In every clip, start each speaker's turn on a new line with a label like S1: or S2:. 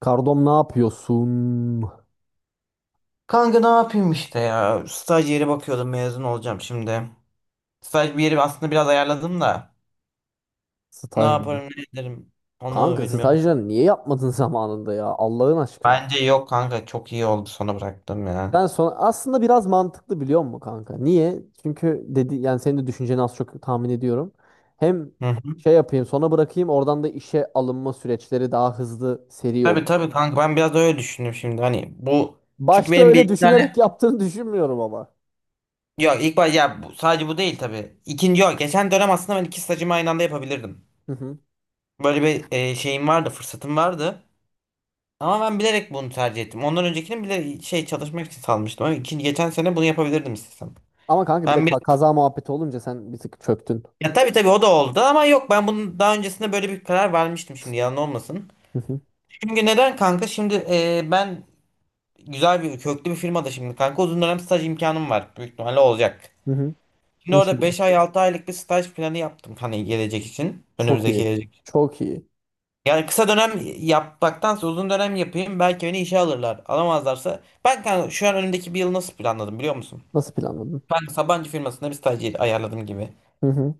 S1: Kardom ne yapıyorsun?
S2: Kanka ne yapayım işte ya. Staj yeri bakıyordum, mezun olacağım şimdi. Staj bir yeri aslında biraz ayarladım da. Ne
S1: Stajyer.
S2: yaparım ne ederim onu
S1: Kanka
S2: bilmiyorum.
S1: stajyer niye yapmadın zamanında ya Allah'ın aşkına.
S2: Bence yok kanka, çok iyi oldu sona bıraktım ya.
S1: Ben sonra aslında biraz mantıklı biliyor musun kanka? Niye? Çünkü dedi yani senin de düşünceni az çok tahmin ediyorum. Hem
S2: Hı hı.
S1: şey yapayım sonra bırakayım oradan da işe alınma süreçleri daha hızlı seri
S2: Tabii
S1: olur.
S2: tabii kanka, ben biraz da öyle düşündüm şimdi hani bu. Çünkü
S1: Başta
S2: benim bir
S1: öyle
S2: iki
S1: düşünerek
S2: tane.
S1: yaptığını düşünmüyorum ama.
S2: Yok ilk baş ya bu, sadece bu değil tabii. İkinci yok. Geçen dönem aslında ben iki stajımı aynı anda yapabilirdim.
S1: Hı hı.
S2: Böyle bir şeyim vardı, fırsatım vardı. Ama ben bilerek bunu tercih ettim. Ondan öncekini bile şey çalışmak için salmıştım. Ama ikinci geçen sene bunu yapabilirdim istesem.
S1: Ama kanka bir de
S2: Ben bir,
S1: kaza muhabbeti olunca sen bir tık çöktün.
S2: ya tabii tabii o da oldu ama yok, ben bunun daha öncesinde böyle bir karar vermiştim, şimdi yalan olmasın.
S1: Hı hı.
S2: Çünkü neden kanka şimdi ben güzel bir köklü bir firmada şimdi kanka uzun dönem staj imkanım var, büyük ihtimalle olacak.
S1: Hı hı.
S2: Şimdi orada
S1: İnşallah.
S2: 5 ay 6 aylık bir staj planı yaptım, hani gelecek için,
S1: Çok
S2: önümüzdeki
S1: iyi.
S2: gelecek için.
S1: Çok iyi.
S2: Yani kısa dönem yapmaktansa uzun dönem yapayım, belki beni işe alırlar. Alamazlarsa ben kanka şu an önümdeki bir yıl nasıl planladım biliyor musun?
S1: Nasıl planladın?
S2: Ben Sabancı firmasında bir staj ayarladım gibi.
S1: Hı hı.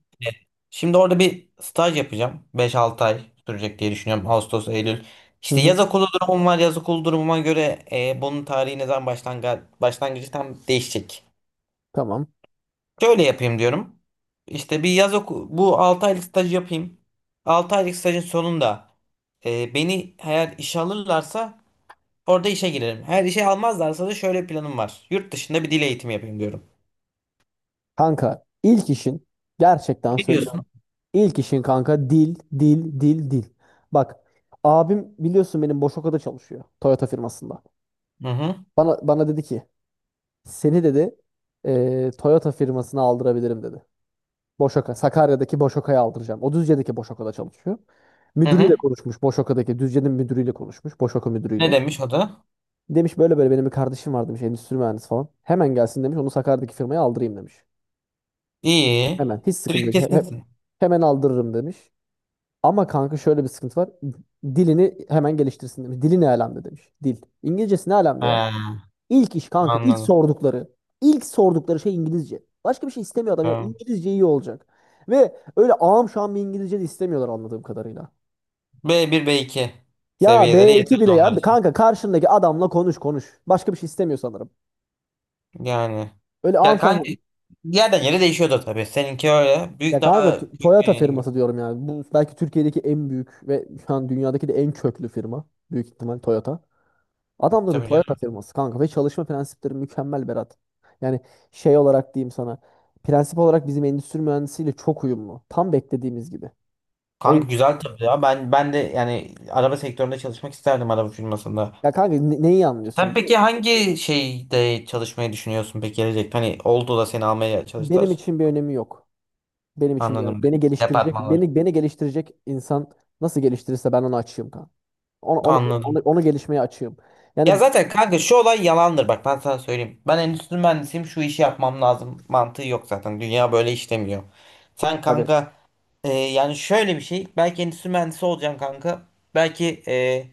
S2: Şimdi orada bir staj yapacağım, beş 6 ay sürecek diye düşünüyorum. Ağustos, Eylül.
S1: Hı
S2: İşte
S1: hı,
S2: yaz okulu durumum var. Yaz okulu durumuma göre bunun tarihi ne zaman başlangıcı tam değişecek.
S1: tamam.
S2: Şöyle yapayım diyorum. İşte bir yaz oku, bu 6 aylık staj yapayım. 6 aylık stajın sonunda beni eğer işe alırlarsa orada işe girerim. Eğer işe almazlarsa da şöyle planım var. Yurt dışında bir dil eğitimi yapayım diyorum.
S1: Kanka ilk işin gerçekten
S2: Ne diyorsun?
S1: söylüyorum. İlk işin kanka dil, dil, dil, dil. Bak, abim biliyorsun benim Boşoka'da çalışıyor. Toyota firmasında.
S2: Hı hı.
S1: Bana dedi ki seni dedi Toyota firmasına aldırabilirim dedi. Boşoka, Sakarya'daki Boşoka'ya aldıracağım. O Düzce'deki Boşoka'da çalışıyor.
S2: Hı
S1: Müdürüyle
S2: hı.
S1: konuşmuş. Boşoka'daki Düzce'nin müdürüyle konuşmuş. Boşoka
S2: Ne
S1: müdürüyle.
S2: demiş o da?
S1: Demiş böyle böyle benim bir kardeşim var demiş, endüstri mühendisi falan. Hemen gelsin demiş, onu Sakarya'daki firmaya aldırayım demiş.
S2: İyi.
S1: Hemen hiç sıkıntı
S2: Direkt
S1: yok.
S2: kesinsin.
S1: Hemen aldırırım demiş. Ama kanka şöyle bir sıkıntı var. Dilini hemen geliştirsin demiş. Dili ne alemde demiş. Dil. İngilizcesi ne alemde ya?
S2: Ha.
S1: İlk iş kanka ilk
S2: Anladım.
S1: sordukları. İlk sordukları şey İngilizce. Başka bir şey istemiyor adam ya.
S2: Tamam.
S1: İngilizce iyi olacak. Ve öyle ağam şu an bir İngilizce de istemiyorlar anladığım kadarıyla.
S2: B bir b iki
S1: Ya
S2: seviyeleri
S1: B2
S2: yeterli
S1: bile ya.
S2: onlar için.
S1: Kanka karşındaki adamla konuş konuş. Başka bir şey istemiyor sanırım.
S2: Yani.
S1: Öyle ağam
S2: Ya
S1: şam.
S2: kanka yerden yere değişiyordu tabii. Seninki öyle. Büyük,
S1: Ya kanka
S2: daha büyük
S1: Toyota
S2: bir
S1: firması diyorum yani. Bu belki Türkiye'deki en büyük ve şu an dünyadaki de en köklü firma. Büyük ihtimal Toyota. Adamların
S2: tabii
S1: Toyota
S2: canım.
S1: firması kanka ve çalışma prensipleri mükemmel Berat. Yani şey olarak diyeyim sana. Prensip olarak bizim endüstri mühendisiyle çok uyumlu. Tam beklediğimiz gibi. O
S2: Kanka
S1: yüzden
S2: güzel tabii ya. Ben de yani araba sektöründe çalışmak isterdim, araba firmasında.
S1: ya kanka neyi
S2: Sen
S1: anlıyorsun?
S2: peki hangi şeyde çalışmayı düşünüyorsun peki gelecek? Hani oldu da seni almaya
S1: Benim
S2: çalıştılar.
S1: için bir önemi yok. Benim için bir önemi.
S2: Anladım.
S1: Beni geliştirecek,
S2: Departmanlar.
S1: beni geliştirecek insan nasıl geliştirirse ben onu açığım kanka. Onu, onu, onu,
S2: Anladım.
S1: onu gelişmeye açığım.
S2: Ya
S1: Yani
S2: zaten kanka şu olay yalandır, bak ben sana söyleyeyim. Ben endüstri mühendisiyim, şu işi yapmam lazım mantığı yok zaten. Dünya böyle işlemiyor. Sen
S1: tabii,
S2: kanka yani şöyle bir şey, belki endüstri mühendisi olacaksın kanka. Belki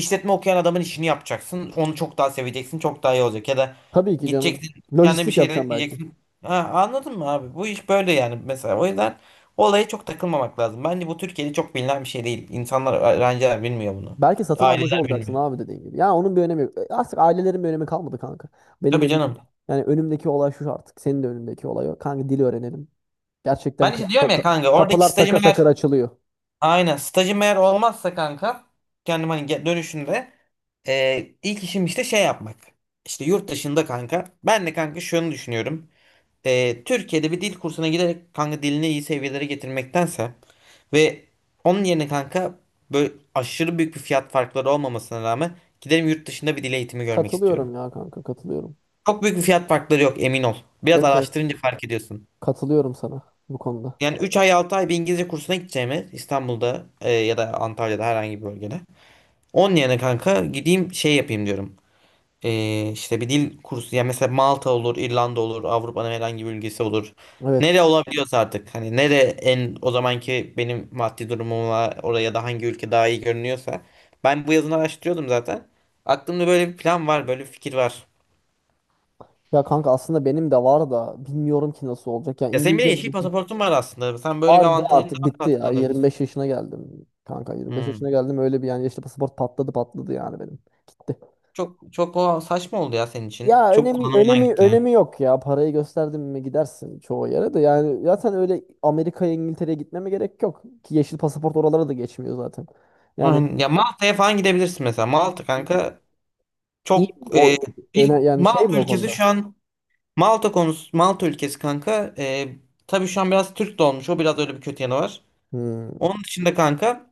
S2: işletme okuyan adamın işini yapacaksın. Onu çok daha seveceksin, çok daha iyi olacak. Ya da
S1: tabii ki canım.
S2: gideceksin kendine bir
S1: Lojistik
S2: şeyler
S1: yapacağım belki.
S2: ekleyeceksin. Ha, anladın mı abi? Bu iş böyle yani mesela. O yüzden olaya çok takılmamak lazım. Bence bu Türkiye'de çok bilinen bir şey değil. İnsanlar, öğrenciler bilmiyor bunu.
S1: Belki satın almacı
S2: Aileler bilmiyor.
S1: olacaksın abi dediğin gibi. Ya onun bir önemi yok. Artık ailelerin bir önemi kalmadı kanka. Benim
S2: Tabii
S1: önüm,
S2: canım.
S1: yani önümdeki olay şu artık. Senin de önündeki olay o. Kanka dil öğrenelim. Gerçekten
S2: Ben işte diyorum ya kanka, oradaki
S1: kapılar
S2: stajım
S1: takır takır
S2: eğer,
S1: açılıyor.
S2: aynen stajım eğer olmazsa kanka, kendim hani dönüşünde ilk işim işte şey yapmak. İşte yurt dışında kanka. Ben de kanka şunu düşünüyorum. Türkiye'de bir dil kursuna giderek kanka dilini iyi seviyelere getirmektense ve onun yerine kanka, böyle aşırı büyük bir fiyat farkları olmamasına rağmen, giderim yurt dışında bir dil eğitimi görmek istiyorum.
S1: Katılıyorum ya kanka, katılıyorum.
S2: Çok büyük bir fiyat farkları yok, emin ol. Biraz
S1: Evet evet,
S2: araştırınca fark ediyorsun.
S1: katılıyorum sana bu konuda.
S2: Yani 3 ay 6 ay bir İngilizce kursuna gideceğimi İstanbul'da ya da Antalya'da herhangi bir bölgede. Onun yerine kanka gideyim şey yapayım diyorum. İşte bir dil kursu, ya mesela Malta olur, İrlanda olur, Avrupa'nın herhangi bir ülkesi olur.
S1: Evet.
S2: Nere olabiliyorsa artık, hani nere en o zamanki benim maddi durumuma oraya, da hangi ülke daha iyi görünüyorsa. Ben bu yazını araştırıyordum zaten. Aklımda böyle bir plan var, böyle bir fikir var.
S1: Ya kanka aslında benim de var da bilmiyorum ki nasıl olacak. Ya
S2: Ya senin bile
S1: İngilizce
S2: yeşil pasaportun var aslında. Sen böyle bir
S1: vardı
S2: avantajın
S1: artık
S2: daha
S1: bitti
S2: rahat
S1: ya.
S2: kullanabilirsin.
S1: 25 yaşına geldim. Kanka 25 yaşına
S2: Hmm.
S1: geldim, öyle bir yani yaşlı pasaport patladı patladı yani benim. Gitti.
S2: Çok çok o saçma oldu ya senin için.
S1: Ya
S2: Çok
S1: önemi
S2: kullanılmadan
S1: önemi
S2: gitti.
S1: önemi yok ya. Parayı gösterdim mi gidersin çoğu yere de. Yani zaten öyle Amerika'ya İngiltere'ye gitmeme gerek yok. Ki yeşil pasaport oralara da geçmiyor zaten. Yani
S2: Aynen. Ya Malta'ya falan gidebilirsin mesela. Malta kanka
S1: iyi
S2: çok
S1: o öne
S2: bir
S1: yani şey
S2: Malta
S1: mi o
S2: ülkesi şu
S1: konuda?
S2: an, Malta konusu, Malta ülkesi kanka tabii şu an biraz Türk de olmuş. O biraz öyle bir kötü yanı var.
S1: Hmm.
S2: Onun dışında kanka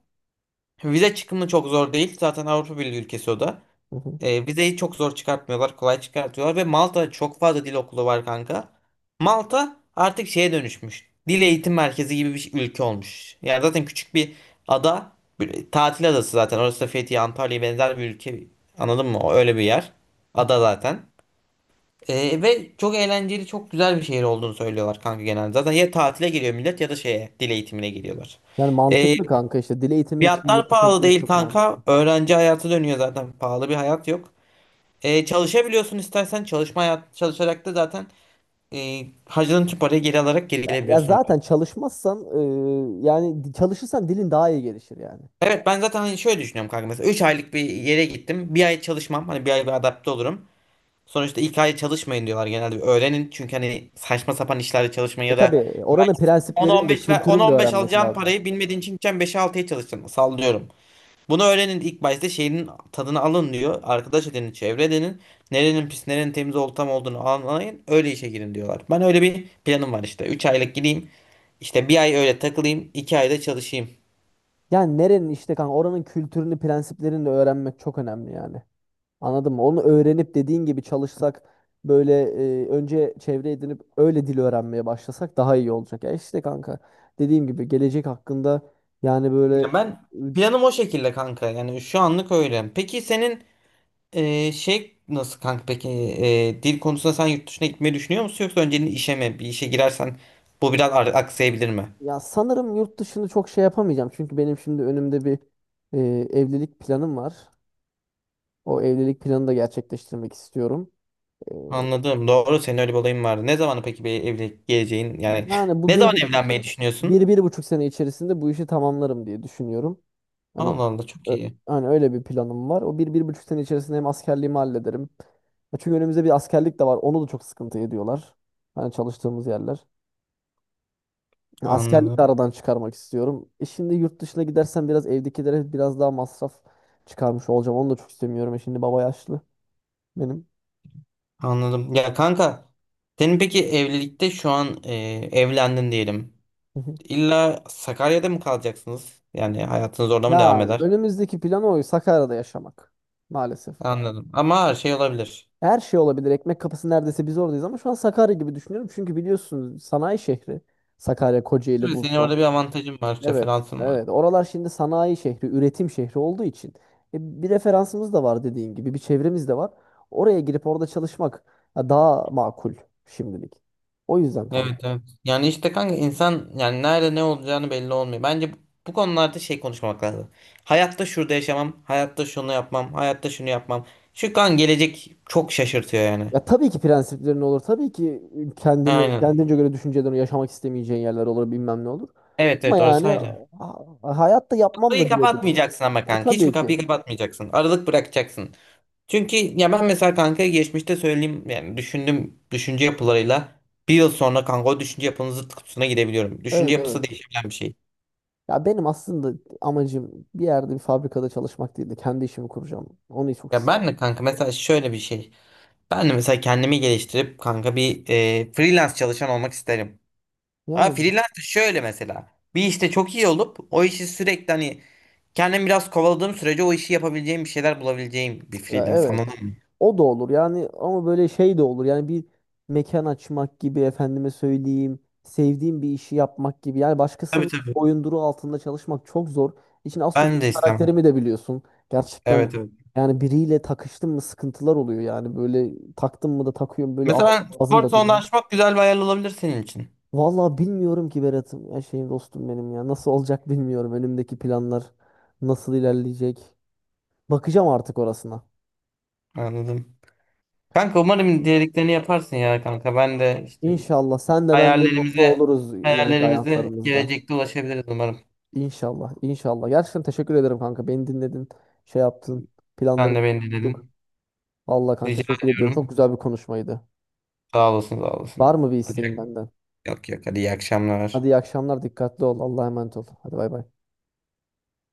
S2: vize çıkımı çok zor değil. Zaten Avrupa Birliği ülkesi o da.
S1: Hı hı.
S2: Vizeyi çok zor çıkartmıyorlar, kolay çıkartıyorlar ve Malta'da çok fazla dil okulu var kanka. Malta artık şeye dönüşmüş. Dil eğitim merkezi gibi bir ülke olmuş. Yani zaten küçük bir ada, bir tatil adası zaten. Orası da Fethiye, Antalya'ya benzer bir ülke. Anladın mı? O öyle bir yer. Ada zaten. Ve çok eğlenceli, çok güzel bir şehir olduğunu söylüyorlar kanka genelde. Zaten ya tatile geliyor millet ya da şeye, dil eğitimine geliyorlar.
S1: Yani
S2: E,
S1: mantıklı kanka, işte dil eğitimi için
S2: Fiyatlar
S1: yurt dışına
S2: pahalı
S1: gitmek
S2: değil
S1: çok
S2: kanka.
S1: mantıklı.
S2: Öğrenci hayatı dönüyor zaten. Pahalı bir hayat yok. Çalışabiliyorsun istersen, çalışma hayat, çalışarak da zaten harcadığın tüm parayı geri alarak geri
S1: Ya, ya
S2: gelebiliyorsun.
S1: zaten çalışmazsan yani çalışırsan dilin daha iyi gelişir yani.
S2: Evet, ben zaten hani şöyle düşünüyorum kanka, mesela 3 aylık bir yere gittim. Bir ay çalışmam, hani bir ay bir adapte olurum. Sonuçta ilk ay çalışmayın diyorlar genelde. Bir öğrenin, çünkü hani saçma sapan işlerde çalışmayın
S1: E
S2: ya
S1: tabii,
S2: da belki
S1: oranın prensiplerini de
S2: 10-15 ver,
S1: kültürünü de
S2: 10-15
S1: öğrenmek
S2: alacağın
S1: lazım.
S2: parayı bilmediğin için gideceksin 5'e 6'ya çalışacaksın, sallıyorum. Bunu öğrenin ilk başta, şeyin tadını alın diyor. Arkadaş edinin, çevre edinin. Nerenin pis, nerenin temiz olup tam olduğunu anlayın. Öyle işe girin diyorlar. Ben öyle bir planım var işte. 3 aylık gideyim. İşte bir ay öyle takılayım, 2 ayda çalışayım.
S1: Yani nerenin işte kanka oranın kültürünü prensiplerini de öğrenmek çok önemli yani. Anladın mı? Onu öğrenip dediğin gibi çalışsak böyle, önce çevre edinip öyle dil öğrenmeye başlasak daha iyi olacak. Ya işte kanka dediğim gibi gelecek hakkında yani böyle,
S2: Ya ben
S1: e,
S2: planım o şekilde kanka. Yani şu anlık öyle. Peki senin şey nasıl kanka? Peki dil konusunda sen yurt dışına gitmeyi düşünüyor musun? Yoksa önceliğin işe mi? Bir işe girersen bu biraz aksayabilir mi?
S1: ya sanırım yurt dışını çok şey yapamayacağım. Çünkü benim şimdi önümde bir, e, evlilik planım var. O evlilik planını da gerçekleştirmek istiyorum. E,
S2: Anladım. Doğru, senin öyle bir olayın vardı. Ne zaman peki bir evlilik geleceğin yani
S1: Yani bu
S2: ne zaman evlenmeyi düşünüyorsun?
S1: bir buçuk sene içerisinde bu işi tamamlarım diye düşünüyorum. Hani
S2: Allah Allah, çok
S1: ö-
S2: iyi.
S1: hani öyle bir planım var. O bir, bir buçuk sene içerisinde hem askerliğimi hallederim. Ya çünkü önümüzde bir askerlik de var. Onu da çok sıkıntı ediyorlar. Hani çalıştığımız yerler. Ya askerlik de
S2: Anladım.
S1: aradan çıkarmak istiyorum. E şimdi yurt dışına gidersem biraz evdekilere biraz daha masraf çıkarmış olacağım. Onu da çok istemiyorum. E şimdi baba yaşlı benim.
S2: Anladım. Ya kanka senin peki evlilikte şu an evlendin diyelim.
S1: Hı hı.
S2: İlla Sakarya'da mı kalacaksınız? Yani hayatınız orada mı devam
S1: Ya
S2: eder?
S1: önümüzdeki plan o. Sakarya'da yaşamak. Maalesef.
S2: Anladım. Ama her şey olabilir.
S1: Her şey olabilir. Ekmek kapısı neredeyse biz oradayız ama şu an Sakarya gibi düşünüyorum. Çünkü biliyorsunuz sanayi şehri. Sakarya, Kocaeli,
S2: Evet, senin
S1: Bursa.
S2: orada bir avantajın var,
S1: Evet,
S2: referansın var.
S1: evet. Oralar şimdi sanayi şehri, üretim şehri olduğu için. Bir referansımız da var dediğin gibi. Bir çevremiz de var. Oraya girip orada çalışmak ya, daha makul şimdilik. O yüzden
S2: Evet
S1: kanka.
S2: evet. Yani işte kanka insan yani nerede ne olacağını belli olmuyor. Bence bu, bu konularda şey konuşmamak lazım. Hayatta şurada yaşamam, hayatta şunu yapmam, hayatta şunu yapmam. Şu kan gelecek çok şaşırtıyor yani.
S1: Ya tabii ki prensiplerin olur. Tabii ki kendini
S2: Aynen.
S1: kendince göre düşüncelerini yaşamak istemeyeceğin yerler olur, bilmem ne olur.
S2: Evet
S1: Ama
S2: evet, orası
S1: yani
S2: ayrı.
S1: hayatta yapmam
S2: Kapıyı
S1: da diyebiliriz.
S2: kapatmayacaksın ama
S1: Ya,
S2: kanka. Hiçbir
S1: tabii
S2: kapıyı
S1: ki.
S2: kapatmayacaksın. Aralık bırakacaksın. Çünkü ya ben mesela kanka geçmişte söyleyeyim, yani düşündüm düşünce yapılarıyla bir yıl sonra kanka o düşünce yapının zıt kutusuna girebiliyorum. Düşünce
S1: Evet,
S2: yapısı
S1: evet.
S2: değişebilen bir şey.
S1: Ya benim aslında amacım bir yerde bir fabrikada çalışmak değil de kendi işimi kuracağım. Onu çok
S2: Ya ben
S1: istiyorum.
S2: de kanka mesela şöyle bir şey. Ben de mesela kendimi geliştirip kanka bir freelance çalışan olmak isterim. Ama
S1: Yani
S2: freelance de şöyle mesela. Bir işte çok iyi olup o işi sürekli, hani kendim biraz kovaladığım sürece o işi yapabileceğim, bir şeyler bulabileceğim bir
S1: ya
S2: freelance,
S1: evet,
S2: anladın mı?
S1: o da olur yani ama böyle şey de olur yani bir mekan açmak gibi, efendime söyleyeyim, sevdiğim bir işi yapmak gibi, yani
S2: Tabii
S1: başkasının
S2: tabii.
S1: boyunduruğu altında çalışmak çok zor. İçin az çok
S2: Ben de istemem.
S1: karakterimi de biliyorsun. Gerçekten
S2: Evet evet.
S1: yani biriyle takıştım mı sıkıntılar oluyor, yani böyle taktım mı da takıyorum, böyle
S2: Mesela
S1: ağzım,
S2: ben
S1: ağzım
S2: spor
S1: da
S2: salonunda
S1: duruyor.
S2: açmak güzel bir hayal olabilir senin için.
S1: Vallahi bilmiyorum ki Berat'ım. Ya şey dostum benim ya. Nasıl olacak bilmiyorum. Önümdeki planlar nasıl ilerleyecek. Bakacağım artık orasına.
S2: Anladım. Kanka umarım dediklerini yaparsın ya kanka. Ben de işte
S1: İnşallah sen de ben de mutlu
S2: hayallerimize
S1: oluruz ileriki
S2: hayallerimize
S1: hayatlarımızda.
S2: gelecekte ulaşabiliriz umarım.
S1: İnşallah, inşallah. Gerçekten teşekkür ederim kanka. Beni dinledin, şey yaptın,
S2: Sen
S1: planlarımı
S2: de beni
S1: tuttuk.
S2: dinledin.
S1: Allah kanka,
S2: Rica
S1: teşekkür ediyorum. Çok
S2: ediyorum.
S1: güzel bir konuşmaydı.
S2: Sağ olasın, sağ olasın.
S1: Var mı bir isteğin benden?
S2: Yok yok, hadi iyi
S1: Hadi
S2: akşamlar.
S1: iyi akşamlar, dikkatli ol. Allah'a emanet ol. Hadi bay bay.